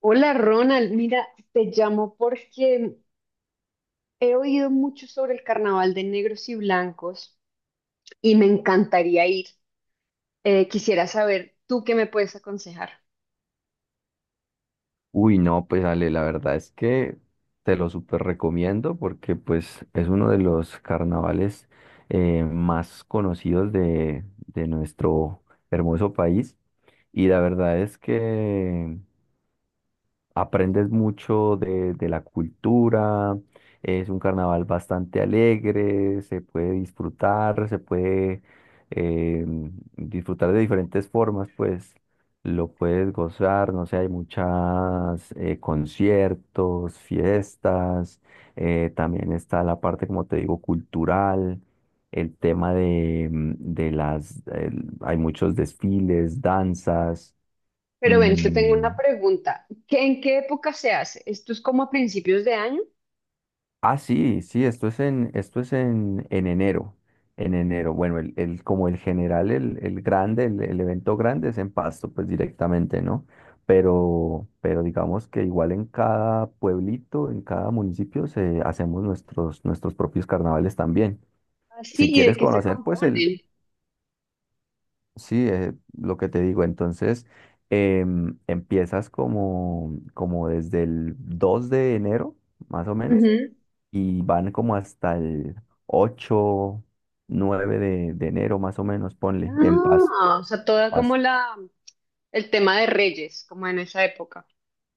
Hola Ronald, mira, te llamo porque he oído mucho sobre el carnaval de negros y blancos y me encantaría ir. Quisiera saber tú qué me puedes aconsejar. Uy, no, pues Ale, la verdad es que te lo súper recomiendo porque pues es uno de los carnavales más conocidos de nuestro hermoso país y la verdad es que aprendes mucho de la cultura, es un carnaval bastante alegre, se puede eh, disfrutar de diferentes formas, pues lo puedes gozar, no sé, hay muchas conciertos, fiestas, también está la parte, como te digo, cultural. El tema de, de las, hay muchos desfiles, danzas. Pero ven, te tengo mm, una pregunta. ¿ En qué época se hace? ¿Esto es como a principios de año? Ah, sí, sí, esto es en enero. En enero, bueno, como el general, el grande, el evento grande es en Pasto, pues directamente, ¿no? Pero digamos que igual en cada pueblito, en cada municipio, se, hacemos nuestros, nuestros propios carnavales también. Ah, sí. Si ¿Y de quieres qué se conocer, pues el, componen? sí, lo que te digo, entonces empiezas como, como desde el 2 de enero, más o menos Ujú. y van como hasta el 8 9 de enero más o menos, ponle, en paz, Ah, o sea, en toda como paz. la, el tema de reyes, como en esa época.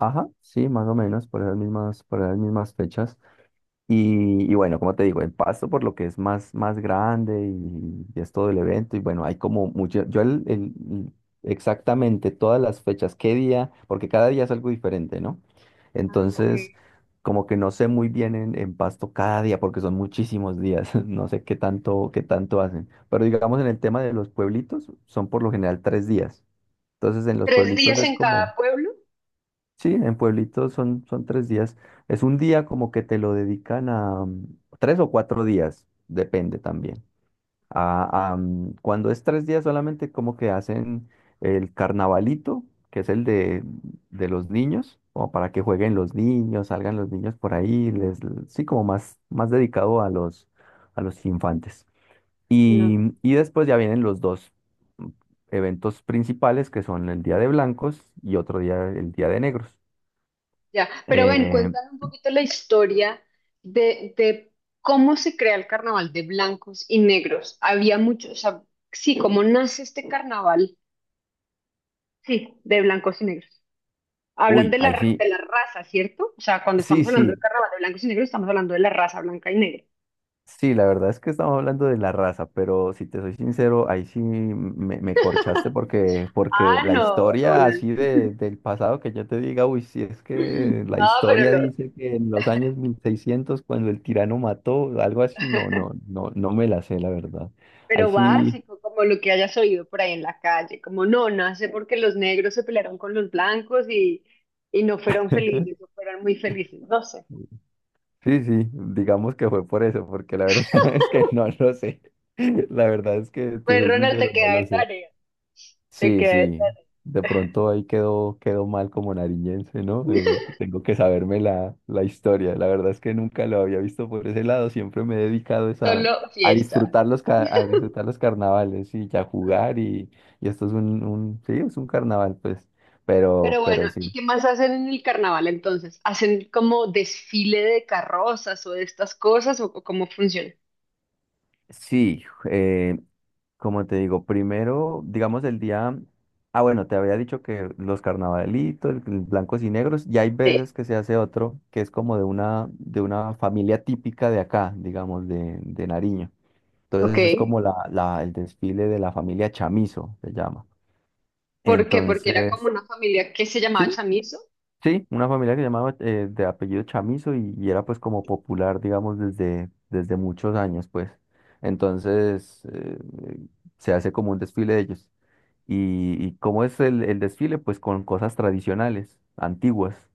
Ajá, sí, más o menos, por esas mismas fechas. Y bueno, como te digo, el Pasto por lo que es más, más grande y es todo el evento. Y bueno, hay como mucho, yo exactamente todas las fechas, qué día, porque cada día es algo diferente, ¿no? Ah, ok. Entonces, como que no sé muy bien en Pasto cada día, porque son muchísimos días, no sé qué tanto hacen. Pero digamos en el tema de los pueblitos, son por lo general 3 días. Entonces, en los ¿Tres pueblitos días es en como. cada pueblo? Sí, en Pueblito son 3 días. Es un día como que te lo dedican a, 3 o 4 días, depende también. A, cuando es 3 días solamente como que hacen el carnavalito, que es el de los niños, como para que jueguen los niños, salgan los niños por ahí, les, sí, como más, más dedicado a los infantes. Y, y después ya vienen los dos mm, eventos principales, que son el Día de Blancos y otro día, el Día de Negros. Ya, pero ven, Eh, cuéntame un poquito la historia de cómo se crea el carnaval de blancos y negros. Había muchos, o sea, sí, cómo nace este carnaval, sí, de blancos y negros. Hablan uy, de ahí la, sí, de la raza, ¿cierto? O sea, cuando sí, estamos hablando del sí, carnaval de blancos y negros, estamos hablando de la raza blanca y negra. sí, la verdad es que estamos hablando de la raza, pero si te soy sincero, ahí sí me corchaste porque Ah, la no, historia Ronald. así de, del pasado que yo te diga, uy, si es que la No, pero historia lo, dice que en los años 1600 cuando el tirano mató, algo así, no, no, no, no me la sé, la verdad. Ahí pero sí, básico, como lo que hayas oído por ahí en la calle, como no, nace porque los negros se pelearon con los blancos y no fueron felices, o fueron muy felices, no sé. sí, sí, digamos que fue por eso, porque la verdad es que no lo sé. La verdad es que te Pues soy Ronald, sincero, te no queda lo de sé. tarea, te Sí, queda de sí. De pronto ahí quedó mal como nariñense, ¿no? tarea. Tengo que saberme la historia. La verdad es que nunca lo había visto por ese lado. Siempre me he dedicado es a, Solo a fiesta. disfrutar los, ca- a disfrutar los carnavales y a jugar. Y esto es un, sí, es un carnaval, pues. Pero, Pero bueno, pero ¿y sí. qué más hacen en el carnaval entonces? ¿Hacen como desfile de carrozas o de estas cosas, o cómo funciona? Sí. Como te digo, primero, digamos el día, ah bueno, te había dicho que los carnavalitos, el blancos y negros, y hay Sí, veces que se hace otro que es como de una familia típica de acá, digamos, de Nariño. ok. Entonces es como el desfile de la familia Chamizo, se llama. ¿Por qué? ¿Porque era como Entonces, una familia que se llamaba sí, Chamizo sí, una familia que llamaba de apellido Chamizo y era pues como popular, digamos, desde, desde muchos años, pues. Entonces, se hace como un desfile de ellos. Y cómo es el desfile, pues con cosas tradicionales, antiguas,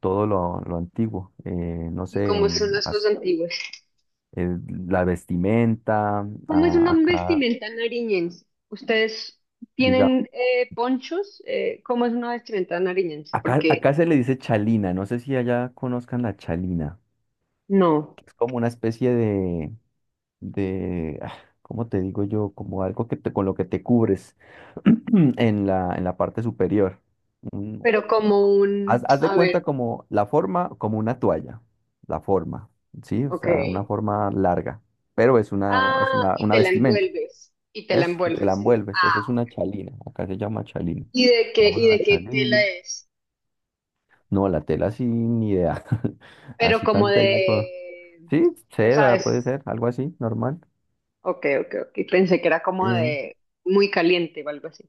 todo lo antiguo. No y sé, como son las cosas antiguas? el- la vestimenta, ¿Cómo es una acá, vestimenta nariñense? ¿Ustedes diga, tienen ponchos? ¿Cómo es una vestimenta nariñense? acá, Porque acá se le dice chalina, no sé si allá conozcan la chalina, no, que es como una especie de, ¿cómo te digo yo? Como algo que te, con lo que te cubres en la, parte superior. Un- pero como haz, un... haz de A cuenta ver, como la forma, como una toalla, la forma, ¿sí? O ok. sea, una forma larga, pero es una, Ah, es una, y una te la vestimenta, envuelves, y te la eso, y te la envuelves. Envuelves, eso es una chalina, acá se llama chalina, llamas Y una de qué tela chalina, es? no, la tela sí, ni idea, Pero así como tan de... técnico, sí, O sea, seda, puede es... ser, algo así, normal. Ok, ok, ok. Pensé que era como Eh, de muy caliente o algo así.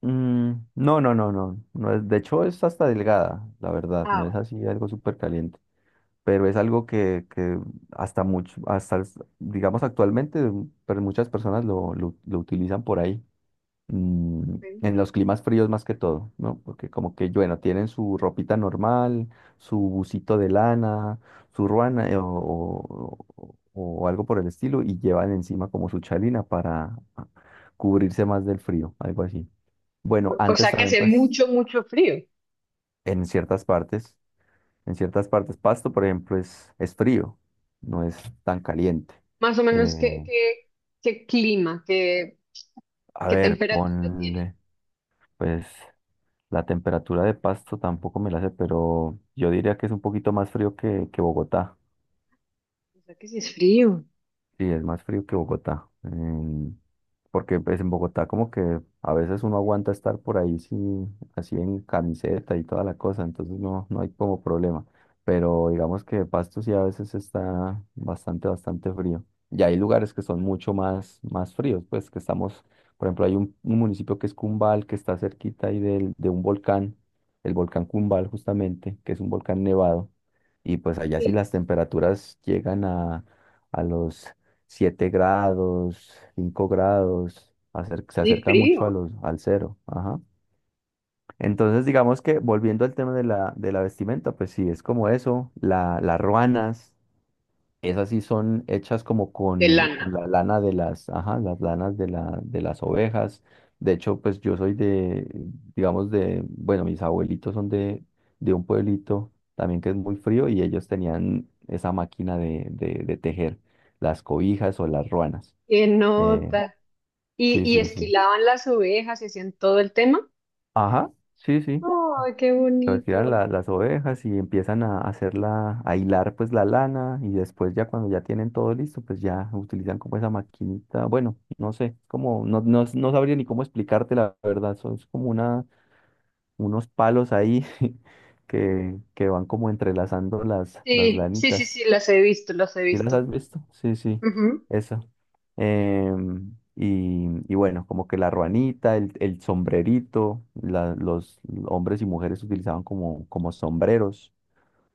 Mm, no, no, no, no, no es, de hecho es hasta delgada, la verdad, Ah, no es así algo súper caliente, pero es algo que hasta mucho, hasta, digamos actualmente, pero muchas personas lo utilizan por ahí, mm, vale. en los climas fríos más que todo, ¿no? Porque como que, bueno, tienen su ropita normal, su busito de lana, su ruana o algo por el estilo y llevan encima como su chalina para cubrirse más del frío, algo así. Bueno, O antes sea, que también, hace pues, mucho, mucho frío. en ciertas partes, en ciertas partes, Pasto, por ejemplo, es frío, no es tan caliente. Más o menos, ¿qué, Eh, qué, qué clima, a qué ver, temperatura tiene? ponle, pues, la temperatura de Pasto tampoco me la sé, pero yo diría que es un poquito más frío que Bogotá. O sea, que sí es frío. Sí, es más frío que Bogotá. Porque pues en Bogotá como que a veces uno aguanta estar por ahí sí, así en camiseta y toda la cosa, entonces no, no hay como problema. Pero digamos que Pasto sí a veces está bastante, bastante frío. Y hay lugares que son mucho más, más fríos, pues que estamos, por ejemplo, hay un, municipio que es Cumbal, que está cerquita ahí de un volcán, el volcán Cumbal justamente, que es un volcán nevado. Y pues allá sí Sí, las temperaturas llegan a los 7 grados, 5 grados, se sí, acerca mucho frío. Al cero. Ajá. Entonces, digamos que volviendo al tema de la vestimenta, pues sí, es como eso. Las ruanas, esas sí son hechas como De con lana. la lana ajá, las lanas de las ovejas. De hecho, pues yo soy de, digamos, de, bueno, mis abuelitos son de un pueblito también que es muy frío y ellos tenían esa máquina de tejer las cobijas o las ruanas. Qué Eh, nota. ¿Y sí, y sí, sí. esquilaban las ovejas y hacían todo el tema? Ajá, sí, sí. ¡Ay, qué Retiran bonito! Las ovejas y empiezan a hacerla, a hilar pues la lana y después ya cuando ya tienen todo listo, pues ya utilizan como esa maquinita. Bueno, no sé, como, no, no, no sabría ni cómo explicarte la verdad. Son es como una, unos palos ahí que van como entrelazando las, Sí, sí, sí, lanitas. sí, las he visto, las he ¿Sí las visto. has visto? Sí, sí, Ujú. eso. Em, y, y bueno, como que la ruanita, el sombrerito, los hombres y mujeres utilizaban como sombreros,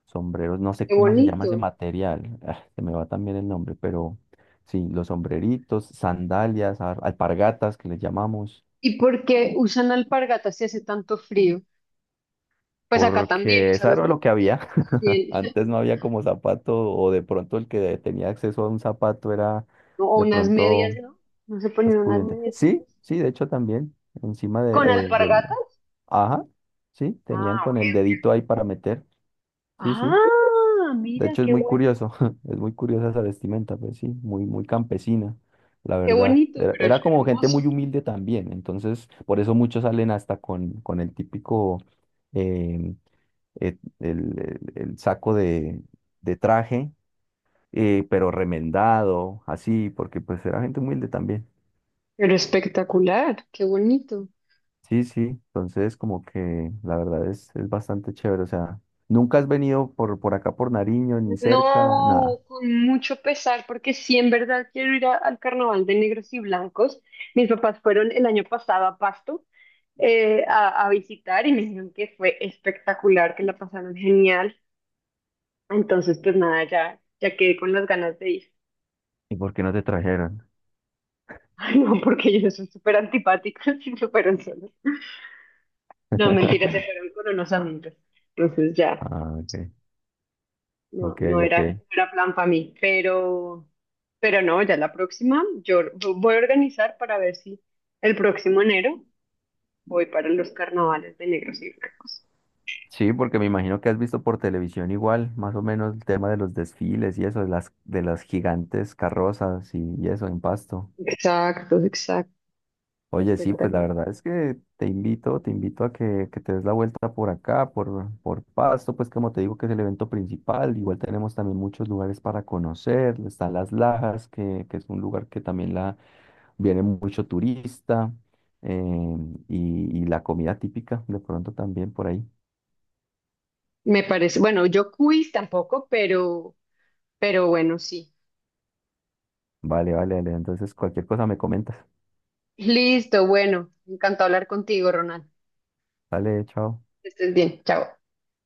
sombreros, no sé Qué cómo se llama ese bonito. material, se me va también el nombre, pero sí, los sombreritos, sandalias, alpargatas que les llamamos, ¿Y por qué usan alpargatas si hace tanto frío? Pues acá también, o porque sea, eso los era lo que botones había. también. Antes no había como zapato, o de pronto el que tenía acceso a un zapato era ¿O de unas medias, pronto. no? No se Más ponen unas pudiente. medias. Sí, sí, de hecho también, encima Con de, del. alpargatas. Ajá, sí, tenían Ah, con ok. el Ok. dedito ahí para meter. Sí, sí. Ah, De mira, hecho es qué muy bueno. curioso, es muy curiosa esa vestimenta, pues sí, muy, muy campesina, la Qué verdad. bonito, Era, pero es era como gente muy hermoso. humilde también, entonces por eso muchos salen hasta con el típico, eh, el saco de traje, pero remendado, así, porque pues era gente humilde también. Pero espectacular, qué bonito. Sí, sí, entonces como que la verdad es bastante chévere, o sea, nunca has venido por acá por Nariño, ni cerca, No, nada. con mucho pesar, porque sí, en verdad quiero ir al carnaval de negros y blancos. Mis papás fueron el año pasado a Pasto, a visitar, y me dijeron que fue espectacular, que la pasaron genial. Entonces, pues nada, ya, ya quedé con las ganas de ir. ¿Y por qué no te trajeron? Ay, no, porque ellos son súper antipáticos y súper solos. No, mentira, se fueron con unos amigos. Entonces ya, Ah, ok, no, ok, no era, ok. no era plan para mí, pero no, ya la próxima, voy a organizar para ver si el próximo enero voy para los carnavales de negros y blancos. Sí, porque me imagino que has visto por televisión igual, más o menos el tema de los desfiles y eso, de las gigantes carrozas y eso en Pasto. Exacto, exacto, Oye, sí, pues la espectacular. verdad es que te invito a que te des la vuelta por acá, por Pasto, pues como te digo que es el evento principal, igual tenemos también muchos lugares para conocer, están Las Lajas, que es un lugar que también viene mucho turista, eh, y la comida típica de pronto también por ahí. Me parece, bueno, yo quiz tampoco, pero bueno, sí. Vale, vale, vale, entonces cualquier cosa me comentas. Listo, bueno, encantado hablar contigo, Ronald. Vale, chao. Que estés bien, chao.